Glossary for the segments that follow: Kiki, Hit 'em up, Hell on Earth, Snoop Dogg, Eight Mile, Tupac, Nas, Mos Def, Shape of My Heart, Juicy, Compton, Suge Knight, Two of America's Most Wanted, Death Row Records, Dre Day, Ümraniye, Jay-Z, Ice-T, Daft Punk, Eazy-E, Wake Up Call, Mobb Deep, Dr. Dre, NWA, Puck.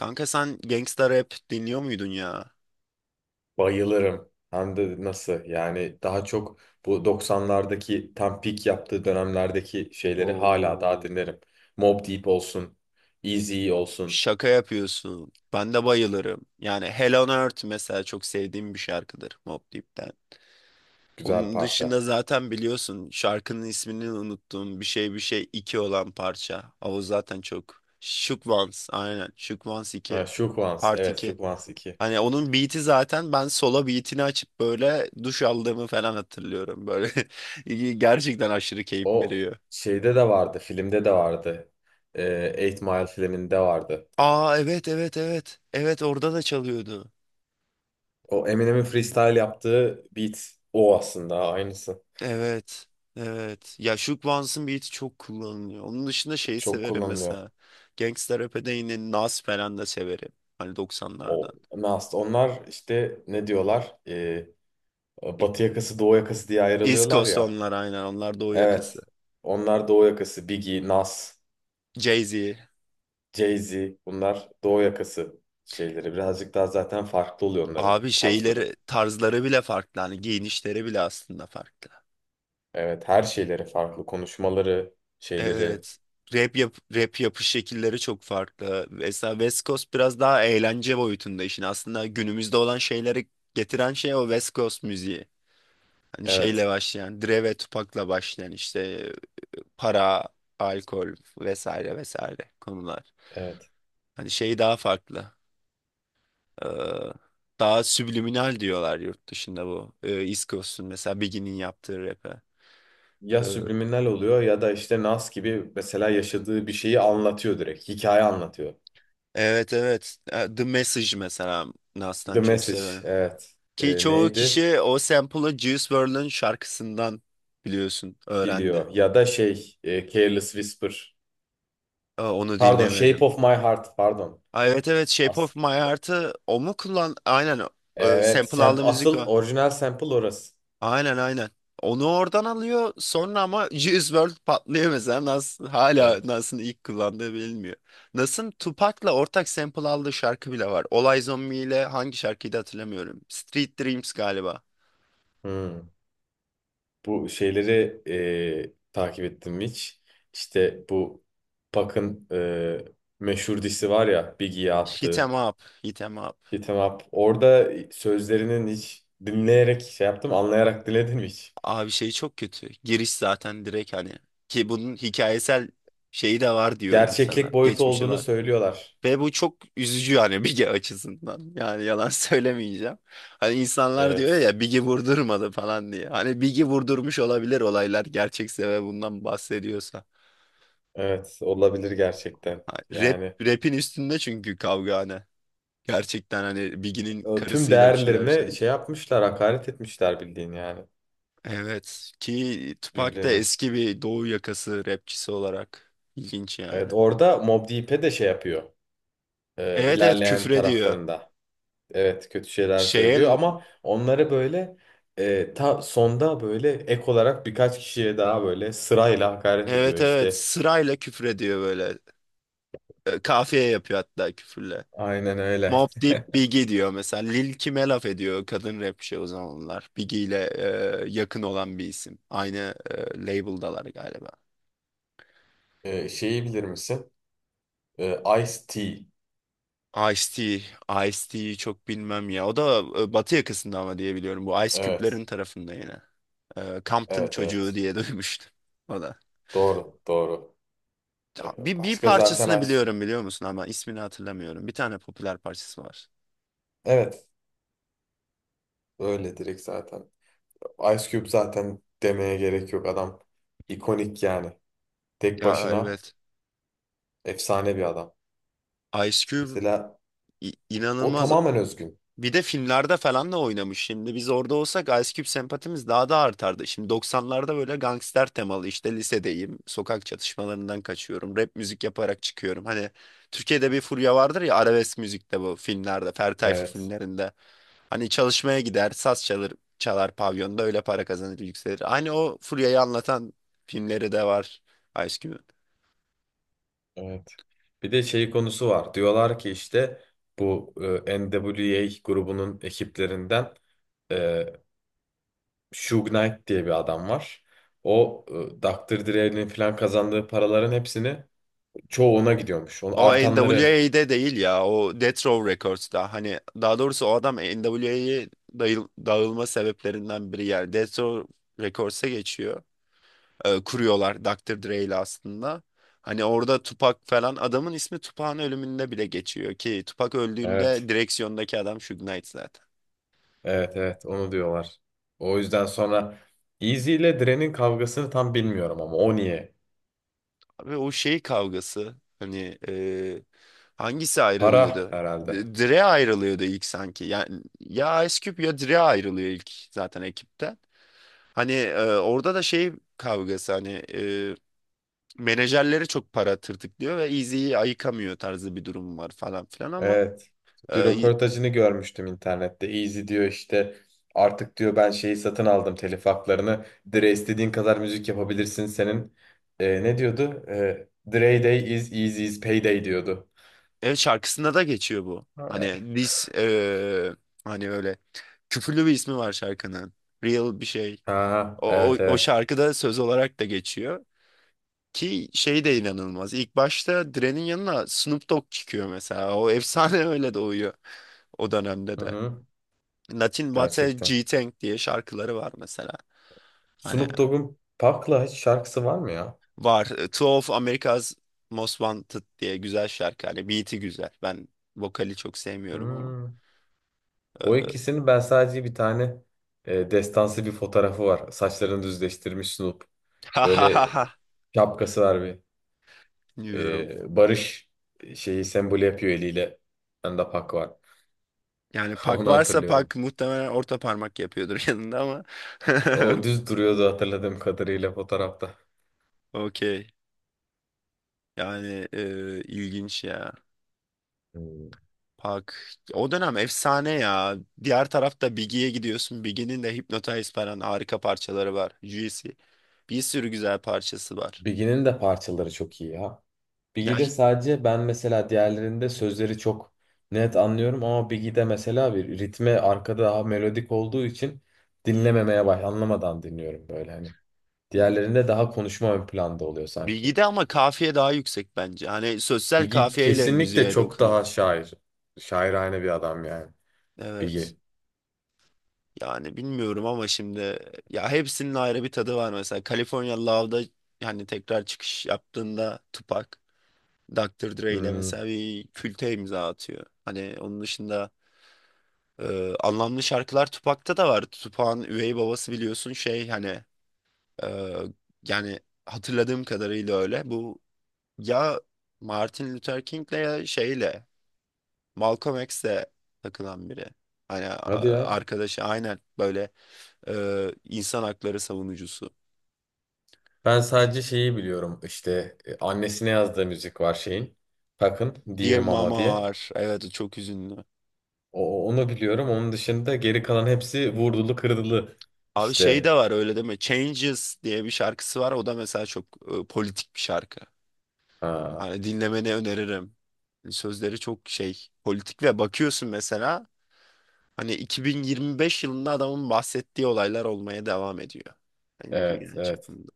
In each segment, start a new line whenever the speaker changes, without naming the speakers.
Kanka sen gangsta rap dinliyor muydun ya?
Bayılırım. Hem de nasıl yani daha çok bu doksanlardaki tam peak yaptığı dönemlerdeki şeyleri hala daha
Oo,
dinlerim. Mobb Deep olsun, Eazy olsun.
şaka yapıyorsun. Ben de bayılırım. Yani Hell on Earth mesela çok sevdiğim bir şarkıdır Mobb Deep'ten.
Güzel
Onun
parça.
dışında zaten biliyorsun şarkının ismini unuttuğum bir şey bir şey 2 olan parça. O zaten çok. Shook Ones aynen. Shook Ones
Ha,
2.
Shook Ones,
Part
evet
2.
Shook Ones iki.
Hani onun beat'i zaten ben solo beat'ini açıp böyle duş aldığımı falan hatırlıyorum. Böyle gerçekten aşırı keyif
O
veriyor.
şeyde de vardı, filmde de vardı. Eight Mile filminde vardı.
Aa, evet, evet, evet. Evet, orada da çalıyordu.
O Eminem'in freestyle yaptığı beat o aslında aynısı.
Evet. Evet. Ya Shook Ones'ın beat'i çok kullanılıyor. Onun dışında şeyi
Çok
severim
kullanılıyor.
mesela. Gangsta rap'e yine Nas falan da severim. Hani 90'lardan.
O Nas. Onlar işte ne diyorlar?
E-
Batı yakası, Doğu yakası diye
East
ayrılıyorlar
Coast
ya.
onlar aynen. Onlar doğu yakası.
Evet. Onlar Doğu yakası. Biggie, Nas,
Jay-Z.
Jay-Z bunlar Doğu yakası şeyleri. Birazcık daha zaten farklı oluyor onların
Abi
tarzları.
şeyleri, tarzları bile farklı. Hani giyinişleri bile aslında farklı.
Evet, her şeyleri farklı. Konuşmaları, şeyleri.
Evet. Rap yapış şekilleri çok farklı. Mesela West Coast biraz daha eğlence boyutunda işin. Aslında günümüzde olan şeyleri getiren şey o West Coast müziği. Hani şeyle
Evet,
başlayan, Dre ve Tupac'la başlayan işte para, alkol, vesaire vesaire konular.
evet.
Hani şey daha farklı. Ee, daha subliminal diyorlar yurt dışında bu. East Coast'un mesela Biggie'nin yaptığı rap'e.
Ya
Ee,
subliminal oluyor ya da işte Nas gibi mesela yaşadığı bir şeyi anlatıyor direkt. Hikaye anlatıyor.
evet, evet. The Message mesela Nas'tan
The
çok
Message,
severim.
evet.
Ki çoğu
Neydi?
kişi o sample'ı Juice World'un şarkısından biliyorsun öğrendi.
Biliyor. Ya da şey, Careless Whisper.
Aa, onu
Pardon, Shape
dinlemedim.
of My Heart, pardon.
Aa, evet, evet, Shape
As
of My Heart'ı o mu kullan? Aynen,
Evet,
sample aldı müzik
asıl
o.
orijinal sample orası.
Aynen, aynen. Onu oradan alıyor sonra ama Juice World patlıyor mesela, Nas, hala
Evet.
Nas'ın ilk kullandığı bilinmiyor. Nas'ın Tupac'la ortak sample aldığı şarkı bile var. Olay Zombie ile hangi şarkıydı hatırlamıyorum. Street Dreams galiba.
Hmm. Bu şeyleri takip ettim hiç. İşte bu Puck'ın meşhur disi var ya Biggie'ye
Hit
attığı
'em up, hit 'em up.
Hit 'em Up. Orada sözlerinin hiç dinleyerek şey yaptım, anlayarak dinledim hiç.
Abi şey çok kötü. Giriş zaten direkt, hani ki bunun hikayesel şeyi de var diyor insanlar.
Gerçeklik boyutu
Geçmişi
olduğunu
var.
söylüyorlar.
Ve bu çok üzücü yani, Bige açısından. Yani yalan söylemeyeceğim. Hani insanlar diyor
Evet.
ya Big'i vurdurmadı falan diye. Hani Big'i vurdurmuş olabilir, olaylar gerçekse ve bundan bahsediyorsa.
Evet, olabilir gerçekten.
Ha, Rap,
Yani
rap'in üstünde çünkü kavga hani. Gerçekten hani Biggie'nin
tüm
karısıyla bir şeyler
değerlerine
yaşadı.
şey yapmışlar, hakaret etmişler bildiğin yani
Evet, ki Tupac da
birbirlerine.
eski bir doğu yakası rapçisi olarak, ilginç yani.
Evet orada Mobb Deep'e de şey yapıyor.
Evet, evet,
İlerleyen
küfür ediyor.
taraflarında. Evet kötü şeyler
Şeye
söylüyor ama onları böyle ta sonda böyle ek olarak birkaç kişiye daha böyle sırayla hakaret ediyor
evet, evet,
işte.
sırayla küfür ediyor böyle. Kafiye yapıyor hatta küfürle.
Aynen öyle.
Mob deyip Biggie diyor mesela. Lil Kim'e laf ediyor, kadın rapçi o zamanlar. Biggie ile yakın olan bir isim. Aynı label'dalar galiba.
Şeyi bilir misin? Ice-T.
Ice-T, Ice-T'yi çok bilmem ya. O da Batı yakasında ama diye biliyorum. Bu Ice
Evet.
Cube'lerin tarafında yine. Compton
Evet
çocuğu
evet.
diye duymuştum. O da.
Doğru doğru.
Bir
Başka
parçasını
zaten Ice Cube.
biliyorum, biliyor musun, ama ismini hatırlamıyorum. Bir tane popüler parçası var.
Evet öyle direkt zaten. Ice Cube zaten demeye gerek yok adam. İkonik yani. Tek
Ya,
başına
evet.
efsane bir adam.
Ice Cube
Mesela o
inanılmaz.
tamamen özgün.
Bir de filmlerde falan da oynamış. Şimdi biz orada olsak Ice Cube sempatimiz daha da artardı. Şimdi 90'larda böyle gangster temalı, işte lisedeyim, sokak çatışmalarından kaçıyorum, rap müzik yaparak çıkıyorum. Hani Türkiye'de bir furya vardır ya arabesk müzikte, bu filmlerde, Ferdi Tayfur
Evet,
filmlerinde. Hani çalışmaya gider, saz çalır, çalar pavyonda, öyle para kazanır, yükselir. Hani o Furya'yı anlatan filmleri de var Ice Cube'un.
evet. Bir de şey konusu var. Diyorlar ki işte bu NWA grubunun ekiplerinden e, Suge Knight diye bir adam var. O Dr. Dre'nin falan kazandığı paraların hepsini çoğu ona gidiyormuş. Onu
O
artanları.
NWA'de değil ya. O Death Row Records'da. Hani daha doğrusu o adam NWA'ye dağılma sebeplerinden biri yani. Death Row Records'a geçiyor. Kuruyorlar Doktor Dre ile aslında. Hani orada Tupac falan, adamın ismi Tupac'ın ölümünde bile geçiyor, ki Tupac öldüğünde
Evet,
direksiyondaki adam Suge Knight zaten.
evet, evet. Onu diyorlar. O yüzden sonra Easy ile Dre'nin kavgasını tam bilmiyorum ama o niye?
Abi o şey kavgası, hani hangisi
Para
ayrılıyordu?
herhalde.
Dre ayrılıyordu ilk sanki. Yani ya Ice Cube ya Dre ayrılıyor ilk zaten ekipten. Hani orada da şey kavgası, hani menajerleri çok para tırtıklıyor ve Eazy'yi ayıkamıyor tarzı bir durum var falan filan, ama
Evet. Bir
e,
röportajını görmüştüm internette. Easy diyor işte artık diyor ben şeyi satın aldım telif haklarını. Dre istediğin kadar müzik yapabilirsin senin. Ne diyordu? Dre Day is Easy's payday diyordu.
ev şarkısında da geçiyor bu. Hani hani öyle küfürlü bir ismi var şarkının. Real bir şey.
Ha,
O, o,
evet
o
evet.
şarkıda söz olarak da geçiyor. Ki şey de inanılmaz. İlk başta Dre'nin yanına Snoop Dogg çıkıyor mesela. O efsane öyle doğuyor o dönemde
Hı
de.
hı.
Latin Bate
Gerçekten.
G-Tank diye şarkıları var mesela. Hani
Snoop Dogg'un Park'la hiç şarkısı var mı ya?
var. Two of America's Most Wanted diye güzel şarkı. Hani beat'i güzel. Ben vokali çok sevmiyorum ama.
Hmm. O
Ee,
ikisinin ben sadece bir tane destansı bir fotoğrafı var. Saçlarını düzleştirmiş Snoop.
ha ha
Böyle
ha ha
şapkası var bir.
diyorum.
Barış şeyi sembol yapıyor eliyle. Bende Pak var.
Yani Pak
Onu
varsa,
hatırlıyorum.
Pak muhtemelen orta parmak yapıyordur yanında ama.
O düz duruyordu hatırladığım kadarıyla fotoğrafta.
Okey. Yani ilginç ya.
Hmm.
Park. O dönem efsane ya. Diğer tarafta Biggie'ye gidiyorsun. Biggie'nin de Hypnotize falan harika parçaları var. Juicy. Bir sürü güzel parçası var.
Biggie'nin de parçaları çok iyi ya.
Ya
Biggie'de sadece ben mesela diğerlerinde sözleri çok net anlıyorum ama Biggie'de mesela bir ritme arkada daha melodik olduğu için dinlememeye anlamadan dinliyorum böyle hani. Diğerlerinde daha konuşma ön planda oluyor sanki.
Biggie'de ama kafiye daha yüksek bence. Hani sosyal
Biggie
kafiyeyle
kesinlikle
müziğe
çok
dokunuyor.
daha şair. Şairane bir adam yani.
Evet.
Biggie.
Yani bilmiyorum ama şimdi ya hepsinin ayrı bir tadı var. Mesela California Love'da, yani tekrar çıkış yaptığında Tupac, Dr. Dre ile
Hmm,
mesela bir külte imza atıyor. Hani onun dışında anlamlı şarkılar Tupac'ta da var. Tupac'ın üvey babası biliyorsun, şey hani e, yani hatırladığım kadarıyla öyle. Bu ya Martin Luther King'le ya şeyle Malcolm X'le takılan biri. Hani
hadi ya.
arkadaşı, aynen böyle insan hakları savunucusu.
Ben sadece şeyi biliyorum işte annesine yazdığı müzik var şeyin. Takın Dear
Dear
Mama
Mama
diye.
var. Evet, o çok üzünlü.
Onu biliyorum. Onun dışında geri kalan hepsi vurdulu kırdılı.
Abi şey de
İşte
var, öyle deme. Changes diye bir şarkısı var. O da mesela çok politik bir şarkı.
ha,
Hani dinlemeni öneririm. Hani sözleri çok şey, politik, ve bakıyorsun mesela hani 2025 yılında adamın bahsettiği olaylar olmaya devam ediyor. Hani
evet
dünya
evet.
çapında.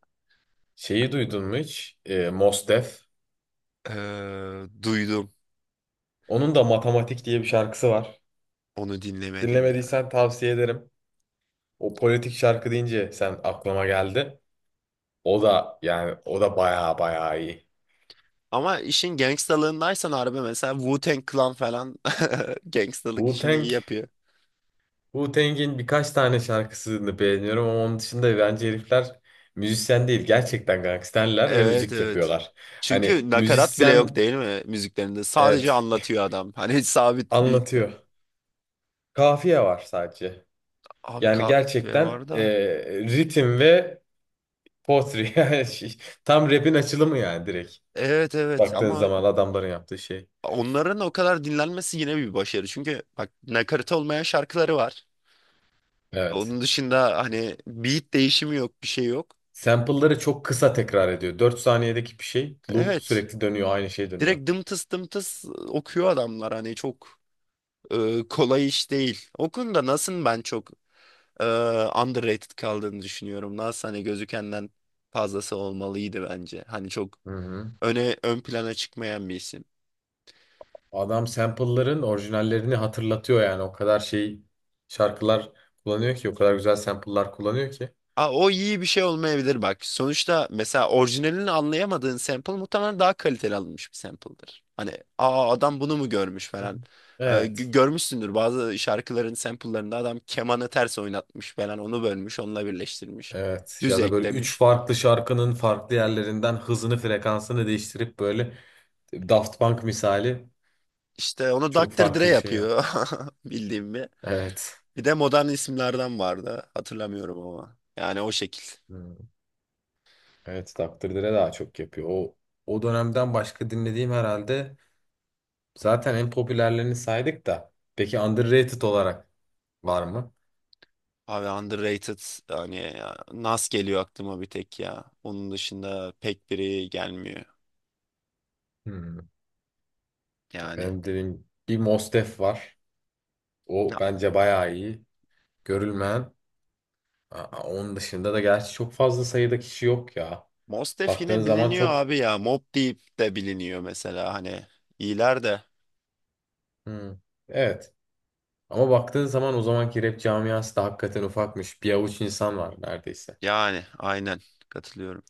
Şeyi duydun mu hiç? Mos Def.
Duydum.
Onun da Matematik diye bir şarkısı var.
Onu dinlemedim ya.
Dinlemediysen tavsiye ederim. O politik şarkı deyince sen aklıma geldi. O da yani o da baya baya iyi.
Ama işin gangstalığındaysan harbi, mesela Wu-Tang Clan falan gangstalık
wu
işini iyi yapıyor.
Wu-Tang'in birkaç tane şarkısını beğeniyorum ama onun dışında bence herifler müzisyen değil. Gerçekten gangsterler ve
Evet,
müzik
evet.
yapıyorlar.
Çünkü
Hani
nakarat bile yok
müzisyen,
değil mi müziklerinde? Sadece
evet,
anlatıyor adam. Hani sabit bir...
anlatıyor. Kafiye var sadece.
Abi
Yani
kahve
gerçekten
var da.
ritim ve potri. Yani tam rap'in açılımı yani direkt.
Evet, evet,
Baktığın
ama
zaman adamların yaptığı şey.
onların o kadar dinlenmesi yine bir başarı. Çünkü bak, nakarat olmayan şarkıları var.
Evet.
Onun dışında hani beat değişimi yok, bir şey yok.
Sample'ları çok kısa tekrar ediyor. 4 saniyedeki bir şey loop
Evet.
sürekli dönüyor. Aynı şey dönüyor.
Direkt dımtıs dımtıs okuyor adamlar, hani çok kolay iş değil. O konuda Nas'ın ben çok e, underrated kaldığını düşünüyorum. Nas hani gözükenden fazlası olmalıydı bence. Hani çok
Hı hı.
ön plana çıkmayan bir isim.
Adam sample'ların orijinallerini hatırlatıyor yani. O kadar şey şarkılar kullanıyor ki, o kadar güzel sample'lar kullanıyor ki.
Aa, o iyi bir şey olmayabilir bak. Sonuçta mesela orijinalini anlayamadığın sample muhtemelen daha kaliteli alınmış bir sample'dır. Hani aa, adam bunu mu görmüş
Hı hı.
falan.
Evet.
Görmüşsündür bazı şarkıların sample'larında, adam kemanı ters oynatmış falan, onu bölmüş, onunla birleştirmiş.
Evet.
Düz
Ya da böyle üç
eklemiş.
farklı şarkının farklı yerlerinden hızını, frekansını değiştirip böyle Daft Punk misali
İşte onu
çok
Dr. Dre
farklı bir şey yap.
yapıyor bildiğim bir.
Evet.
Bir de modern isimlerden vardı, hatırlamıyorum ama. Yani o şekil.
Hı. Evet, Dr. Dre daha çok yapıyor. O dönemden başka dinlediğim herhalde zaten en popülerlerini saydık da. Peki underrated olarak var mı?
Abi underrated yani ya, Nas geliyor aklıma bir tek ya. Onun dışında pek biri gelmiyor
Hı.
yani.
Ben dedim bir Mostef var. O
Ya
bence bayağı iyi. Görülmeyen. Aa, onun dışında da gerçi çok fazla sayıda kişi yok ya.
Mos Def
Baktığın
yine
zaman
biliniyor
çok...
abi ya. Mobb Deep de biliniyor mesela, hani İyiler de.
Hmm, evet. Ama baktığın zaman o zamanki rap camiası da hakikaten ufakmış. Bir avuç insan var neredeyse.
Yani aynen, katılıyorum.